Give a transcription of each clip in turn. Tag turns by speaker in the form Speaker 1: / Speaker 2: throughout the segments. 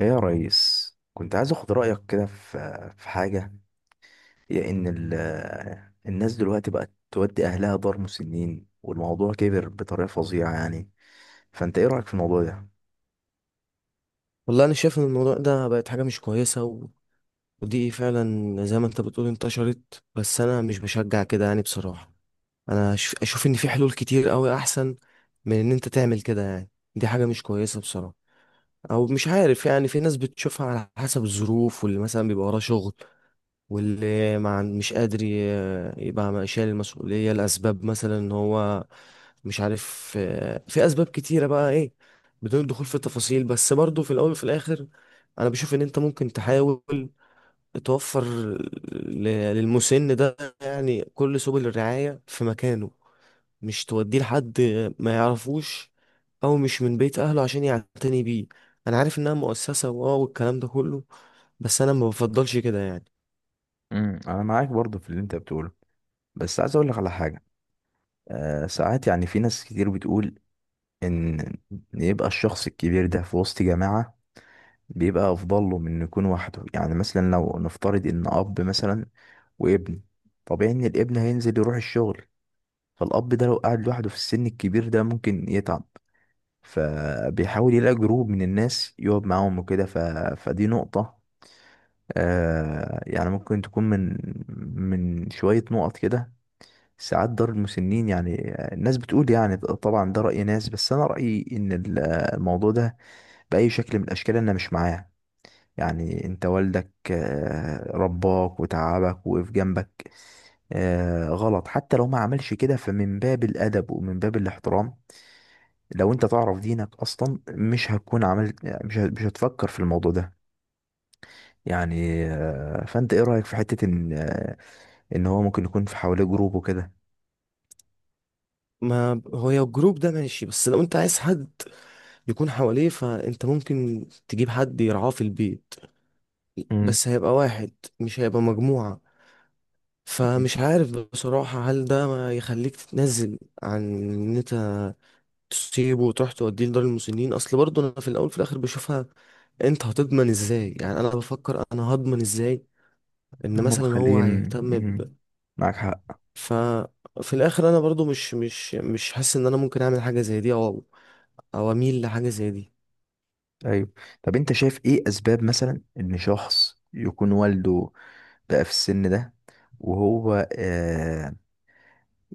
Speaker 1: ايه يا ريس، كنت عايز اخد رايك كده في حاجه، هي ان الناس دلوقتي بقت تودي اهلها دار مسنين، والموضوع كبر بطريقه فظيعه يعني. فانت ايه رايك في الموضوع ده؟
Speaker 2: والله انا شايف ان الموضوع ده بقت حاجه مش كويسه ودي فعلا زي ما انت بتقول انتشرت، بس انا مش بشجع كده يعني بصراحه. انا اشوف ان في حلول كتير قوي احسن من ان انت تعمل كده يعني. دي حاجه مش كويسه بصراحه. او مش عارف، يعني في ناس بتشوفها على حسب الظروف، واللي مثلا بيبقى وراه شغل، واللي ما عن- مش قادر يبقى شايل المسؤولية لأسباب، مثلا إن هو مش عارف. في أسباب كتيرة بقى إيه، بدون الدخول في التفاصيل. بس برضو في الأول وفي الآخر، أنا بشوف إن أنت ممكن تحاول توفر للمسن ده يعني كل سبل الرعاية في مكانه، مش توديه لحد ما يعرفوش، أو مش من بيت أهله، عشان يعتني بيه. أنا عارف إنها مؤسسة والكلام ده كله، بس أنا ما بفضلش كده يعني.
Speaker 1: انا معاك برضو في اللي انت بتقوله، بس عايز اقول لك على حاجه. ساعات يعني في ناس كتير بتقول ان، إن يبقى الشخص الكبير ده في وسط جماعه بيبقى افضل له من إنه يكون وحده. يعني مثلا لو نفترض ان اب مثلا وابن، طبيعي ان الابن هينزل يروح الشغل، فالأب ده لو قعد لوحده في السن الكبير ده ممكن يتعب، فبيحاول يلاقي جروب من الناس يقعد معاهم وكده فدي نقطة. يعني ممكن تكون من شوية نقط كده. ساعات دار المسنين يعني، الناس بتقول، يعني طبعا ده رأي ناس، بس أنا رأيي إن الموضوع ده بأي شكل من الأشكال أنا مش معاه. يعني أنت والدك رباك وتعبك ووقف جنبك. غلط حتى لو ما عملش كده، فمن باب الأدب ومن باب الاحترام، لو انت تعرف دينك اصلا مش هتكون عملت، مش هتفكر في الموضوع ده. يعني فانت ايه رأيك في حتة ان ان هو ممكن يكون في حواليه جروب وكده؟
Speaker 2: ما هو يا الجروب ده ماشي، بس لو انت عايز حد يكون حواليه فانت ممكن تجيب حد يرعاه في البيت.
Speaker 1: امم،
Speaker 2: بس هيبقى واحد، مش هيبقى مجموعة. فمش عارف بصراحة، هل ده ما يخليك تتنازل عن ان انت تسيبه وتروح توديه لدار المسنين؟ اصل برضه انا في الاول وفي الاخر بشوفها، انت هتضمن ازاي؟ يعني انا بفكر انا هضمن ازاي ان
Speaker 1: هم
Speaker 2: مثلا هو
Speaker 1: مخليه.
Speaker 2: هيهتم
Speaker 1: مم.
Speaker 2: ب
Speaker 1: معاك حق.
Speaker 2: ف في الاخر انا برضو مش حاسس ان انا ممكن اعمل حاجه زي دي، او اميل لحاجه زي دي.
Speaker 1: ايوه، طب انت شايف ايه اسباب مثلا ان شخص يكون والده بقى في السن ده وهو،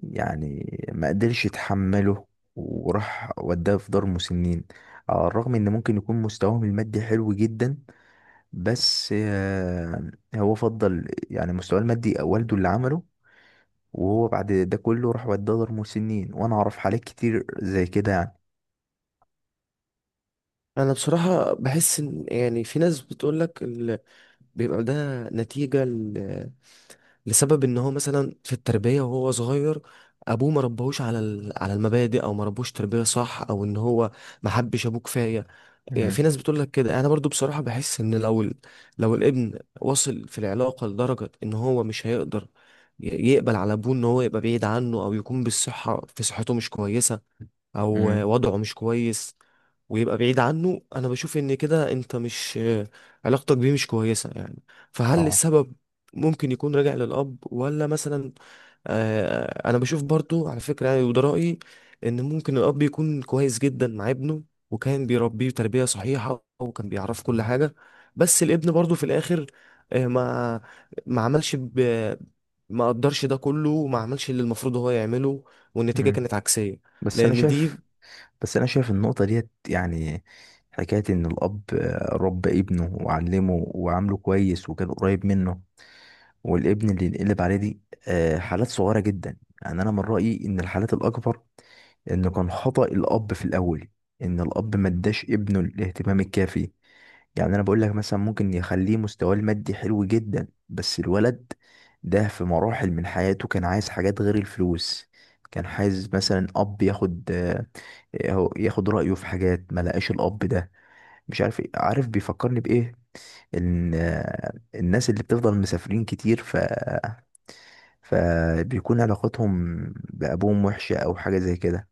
Speaker 1: يعني، ما قدرش يتحمله، وراح وداه في دار مسنين، على الرغم ان ممكن يكون مستواهم المادي حلو جدا، بس هو فضل يعني مستواه المادي والده اللي عمله، وهو بعد ده كله راح وداه دار مسنين، وانا اعرف حالات كتير زي كده يعني.
Speaker 2: انا بصراحه بحس ان يعني في ناس بتقول لك بيبقى ده نتيجه لسبب ان هو مثلا في التربيه وهو صغير، ابوه ما ربهوش على على المبادئ، او ما ربهوش تربيه صح، او ان هو ما حبش ابوه كفايه. يعني في
Speaker 1: مم.
Speaker 2: ناس بتقول لك كده. انا برضو بصراحه بحس ان لو لو الابن وصل في العلاقه لدرجه ان هو مش هيقدر ي- يقبل على ابوه ان هو يبقى بعيد عنه، او يكون بالصحه في صحته مش كويسه، او
Speaker 1: مم.
Speaker 2: وضعه مش كويس، ويبقى بعيد عنه، انا بشوف ان كده انت مش علاقتك بيه مش كويسة يعني. فهل
Speaker 1: اه.
Speaker 2: السبب ممكن يكون راجع للاب ولا مثلا؟ انا بشوف برضو على فكرة، يعني وده رأيي، ان ممكن الاب يكون كويس جدا مع ابنه، وكان بيربيه تربية صحيحة وكان بيعرف كل حاجة، بس الابن برضو في الاخر ما ما عملش ب... ما قدرش ده كله وما عملش اللي المفروض هو يعمله، والنتيجة
Speaker 1: مم.
Speaker 2: كانت عكسية.
Speaker 1: بس انا
Speaker 2: لان دي.
Speaker 1: شايف بس انا شايف النقطة ديت يعني، حكاية ان الاب ربى ابنه وعلمه وعامله كويس وكان قريب منه، والابن اللي ينقلب عليه دي، حالات صغيرة جدا. يعني انا من رأيي ان الحالات الاكبر إنه كان خطأ الأب في الأول، إن الأب ما اداش ابنه الاهتمام الكافي. يعني أنا بقول لك مثلا ممكن يخليه مستواه المادي حلو جدا بس الولد ده في مراحل من حياته كان عايز حاجات غير الفلوس. كان عايز مثلا أب ياخد، ياخد رأيه في حاجات، ما لقاش الأب ده. مش عارف إيه- عارف بيفكرني بإيه؟ إن الناس اللي بتفضل مسافرين كتير فبيكون علاقتهم بأبوهم وحشة أو حاجة زي كده،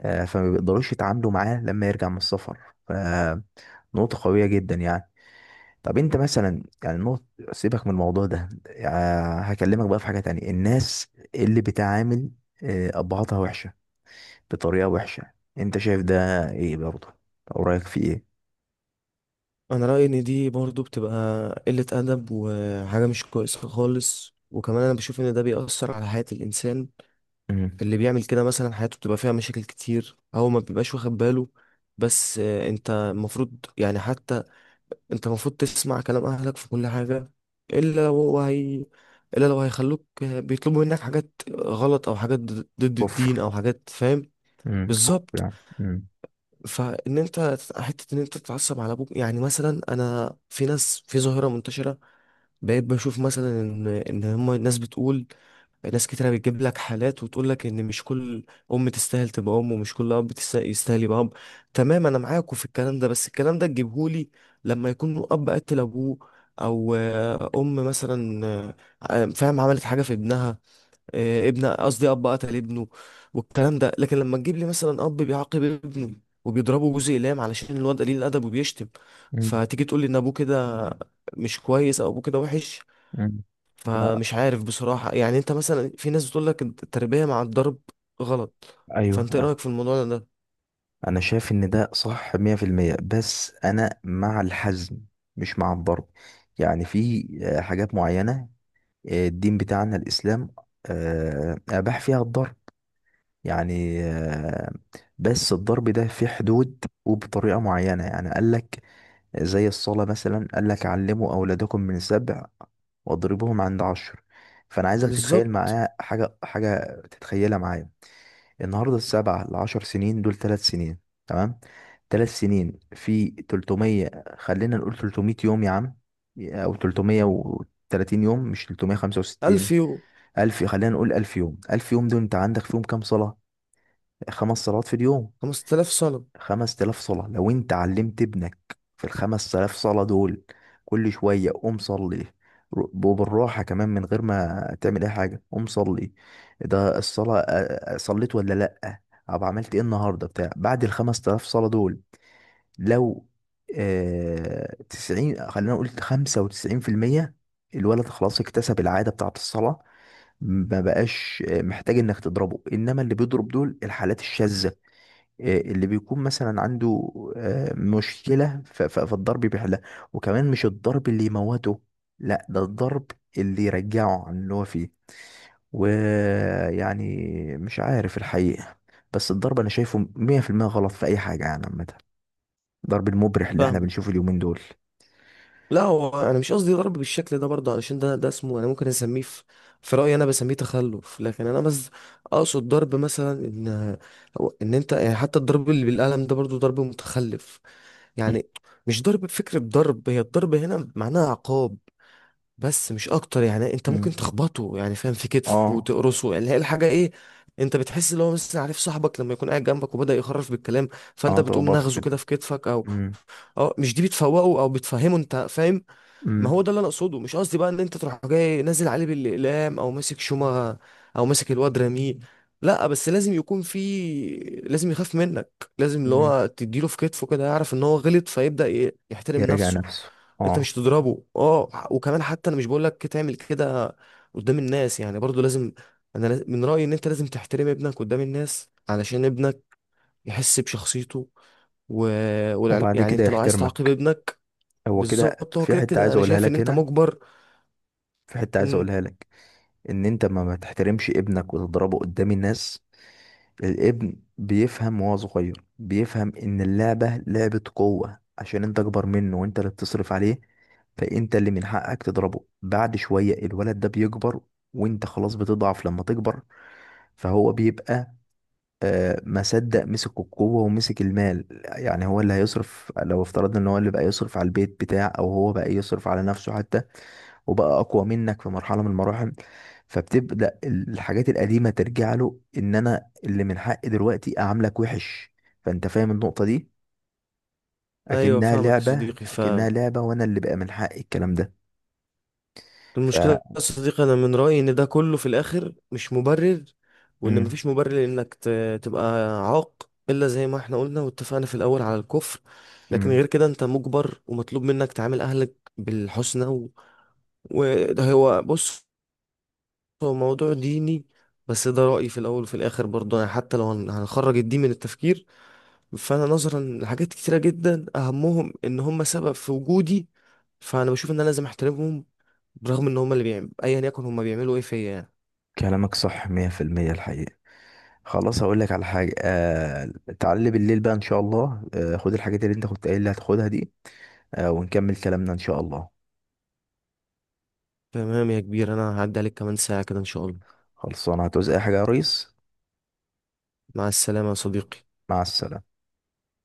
Speaker 1: فما بيقدروش يتعاملوا معاه لما يرجع من السفر. فنقطة قوية جدا يعني. طب انت مثلا، يعني نقطة، سيبك من الموضوع ده، يعني هكلمك بقى في حاجة تانية. الناس اللي بتعامل أبهاتها وحشة بطريقة وحشة، انت شايف ده ايه برضه، او رأيك في ايه؟
Speaker 2: انا رايي ان دي برضو بتبقى قله ادب وحاجه مش كويسه خالص، وكمان انا بشوف ان ده بيأثر على حياه الانسان
Speaker 1: مم.
Speaker 2: اللي بيعمل كده، مثلا حياته بتبقى فيها مشاكل كتير، او ما بيبقاش واخد باله. بس انت المفروض يعني، حتى انت المفروض تسمع كلام اهلك في كل حاجه، الا لو هو هي الا لو هيخلوك بيطلبوا منك حاجات غلط او حاجات ضد الدين،
Speaker 1: كفر.
Speaker 2: او حاجات فاهم.
Speaker 1: مم. كفر
Speaker 2: بالظبط.
Speaker 1: يعني. مم.
Speaker 2: فان انت حته ان انت تتعصب على ابوك، يعني مثلا انا في ناس في ظاهره منتشره بقيت بشوف، مثلا ان هم الناس بتقول، ناس كتيره بتجيب لك حالات وتقول لك ان مش كل ام تستاهل تبقى ام، ومش كل اب يستاهل يبقى اب. تمام، انا معاكم في الكلام ده، بس الكلام ده تجيبهولي لما يكون اب قتل ابوه، او ام مثلا فاهم عملت حاجه في ابنها، ابن، قصدي اب قتل ابنه، والكلام ده. لكن لما تجيب لي مثلا اب بيعاقب ابنه وبيضربه جوز اقلام علشان الواد قليل الادب وبيشتم،
Speaker 1: مم.
Speaker 2: فتيجي تقول لي ان ابوه كده مش كويس او ابوه كده وحش.
Speaker 1: مم. لا.
Speaker 2: فمش عارف بصراحة. يعني انت مثلا في ناس بتقول لك التربية مع الضرب غلط.
Speaker 1: ايوه،
Speaker 2: فانت ايه رأيك في الموضوع ده؟
Speaker 1: انا شايف ان ده صح 100%. بس انا مع الحزم، مش مع الضرب. يعني في حاجات معينة، الدين بتاعنا الاسلام اباح فيها الضرب. يعني بس الضرب ده في حدود وبطريقة معينة. يعني قال لك زي الصلاة مثلا، قال لك علموا اولادكم من سبع واضربوهم عند عشر. فانا عايزك تتخيل
Speaker 2: بالظبط.
Speaker 1: معايا حاجة، حاجة تتخيلها معايا. النهارده، 7 لـ 10 سنين دول 3 سنين، تمام؟ 3 سنين في 300، خلينا نقول 300 يوم يا عم، أو 330 يوم، مش تلتمية خمسة
Speaker 2: 1000
Speaker 1: وستين
Speaker 2: يورو.
Speaker 1: ألف، خلينا نقول 1000 يوم. 1000 يوم دول أنت عندك فيهم كام صلاة؟ 5 صلوات في اليوم،
Speaker 2: 5000 صنم.
Speaker 1: 5000 صلاة. لو انت علمت ابنك في الـ 5000 صلاة دول كل شوية قوم صلي، وبالراحة كمان، من غير ما تعمل أي حاجة قوم صلي، ده الصلاة. صليت ولا لأ؟ أو عملت إيه النهاردة بتاع؟ بعد الـ 5000 صلاة دول، لو 90، خلينا نقول 95%، الولد خلاص اكتسب العادة بتاعة الصلاة، ما بقاش محتاج إنك تضربه. إنما اللي بيضرب دول الحالات الشاذة، اللي بيكون مثلا عنده مشكلة فالضرب بيحلها. وكمان مش الضرب اللي يموته، لا، ده الضرب اللي يرجعه عن اللي هو فيه. ويعني مش عارف الحقيقة، بس الضرب أنا شايفه 100% غلط في أي حاجة يعني، عامة الضرب المبرح اللي احنا
Speaker 2: فاهمك.
Speaker 1: بنشوفه اليومين دول.
Speaker 2: لا، هو انا مش قصدي ضرب بالشكل ده برضه، علشان ده اسمه، انا ممكن اسميه في رأيي انا بسميه تخلف. لكن انا بس اقصد ضرب مثلا ان انت، يعني حتى الضرب اللي بالقلم ده برضه ضرب متخلف يعني. مش ضرب بفكرة، ضرب، هي الضرب هنا معناها عقاب بس مش اكتر. يعني انت ممكن
Speaker 1: مم.
Speaker 2: تخبطه يعني، فاهم، في كتفه
Speaker 1: اه.
Speaker 2: وتقرصه، يعني هي الحاجه ايه، انت بتحس اللي هو مثلا، عارف صاحبك لما يكون قاعد جنبك وبدا يخرف بالكلام، فانت
Speaker 1: اه،
Speaker 2: بتقوم
Speaker 1: تخبطه
Speaker 2: نغزه كده
Speaker 1: كده.
Speaker 2: في كتفك او
Speaker 1: مم.
Speaker 2: اه، مش دي بتفوقه او بتفهمه، انت فاهم. ما
Speaker 1: مم.
Speaker 2: هو ده اللي انا اقصده. مش قصدي بقى ان انت تروح جاي نازل عليه بالاقلام، او ماسك شومة او ماسك الواد راميه. لا، بس لازم يكون في، لازم يخاف منك، لازم اللي
Speaker 1: مم.
Speaker 2: هو تديله في كتفه كده يعرف ان هو غلط، فيبدأ يحترم
Speaker 1: يراجع
Speaker 2: نفسه.
Speaker 1: نفسه.
Speaker 2: انت
Speaker 1: اه،
Speaker 2: مش تضربه اه. وكمان حتى انا مش بقول لك تعمل كده قدام الناس، يعني برضو لازم، من رأيي ان انت لازم تحترم ابنك قدام الناس علشان ابنك يحس بشخصيته و...
Speaker 1: وبعد
Speaker 2: يعني
Speaker 1: كده
Speaker 2: انت لو عايز تعاقب
Speaker 1: يحترمك.
Speaker 2: ابنك.
Speaker 1: هو كده،
Speaker 2: بالظبط، هو
Speaker 1: في
Speaker 2: كده
Speaker 1: حتة
Speaker 2: كده
Speaker 1: عايز
Speaker 2: انا
Speaker 1: اقولها
Speaker 2: شايف ان
Speaker 1: لك
Speaker 2: انت
Speaker 1: هنا،
Speaker 2: مجبر.
Speaker 1: في حتة عايز
Speaker 2: امم
Speaker 1: اقولها لك. ان انت ما تحترمش ابنك وتضربه قدام الناس. الابن بيفهم وهو صغير، بيفهم ان اللعبة لعبة قوة، عشان انت اكبر منه وانت اللي بتصرف عليه، فانت اللي من حقك تضربه. بعد شوية الولد ده بيكبر، وانت خلاص بتضعف لما تكبر، فهو بيبقى ما صدق مسك القوة ومسك المال. يعني هو اللي هيصرف، لو افترضنا ان هو اللي بقى يصرف على البيت بتاع، او هو بقى يصرف على نفسه حتى، وبقى اقوى منك في مرحله من المراحل، فبتبدا الحاجات القديمه ترجع له ان انا اللي من حقي دلوقتي اعاملك وحش. فانت فاهم النقطه دي؟
Speaker 2: ايوه،
Speaker 1: اكنها
Speaker 2: فاهمك يا
Speaker 1: لعبه،
Speaker 2: صديقي.
Speaker 1: اكنها لعبه وانا اللي بقى من حقي الكلام ده. ف
Speaker 2: فالمشكله يا صديقي انا من رايي ان ده كله في الاخر مش مبرر، وان
Speaker 1: مم.
Speaker 2: مفيش مبرر انك تبقى عاق، الا زي ما احنا قلنا واتفقنا في الاول على الكفر. لكن
Speaker 1: مم.
Speaker 2: غير كده انت مجبر ومطلوب منك تعامل اهلك بالحسنى وده هو. بص، هو موضوع ديني، بس ده رأيي. في الأول وفي الآخر برضه، يعني حتى لو هنخرج الدين من التفكير، فأنا نظرا لحاجات كتيرة جدا أهمهم إن هم سبب في وجودي، فانا بشوف ان انا لازم احترمهم، برغم ان هما اللي بيعملوا ايا يكن هما بيعملوا ايه فيا يعني.
Speaker 1: كلامك صح 100% الحقيقه. خلاص هقول لك على حاجه، تعالى بالليل بقى ان شاء الله، خد الحاجات اللي انت كنت قايل لي هتاخدها دي، ونكمل كلامنا ان شاء الله.
Speaker 2: تمام يا كبير، انا هعدي عليك كمان ساعة كده ان شاء الله.
Speaker 1: خلصانه، هتعوز اي حاجه يا ريس؟
Speaker 2: مع السلامة يا صديقي.
Speaker 1: مع السلامه.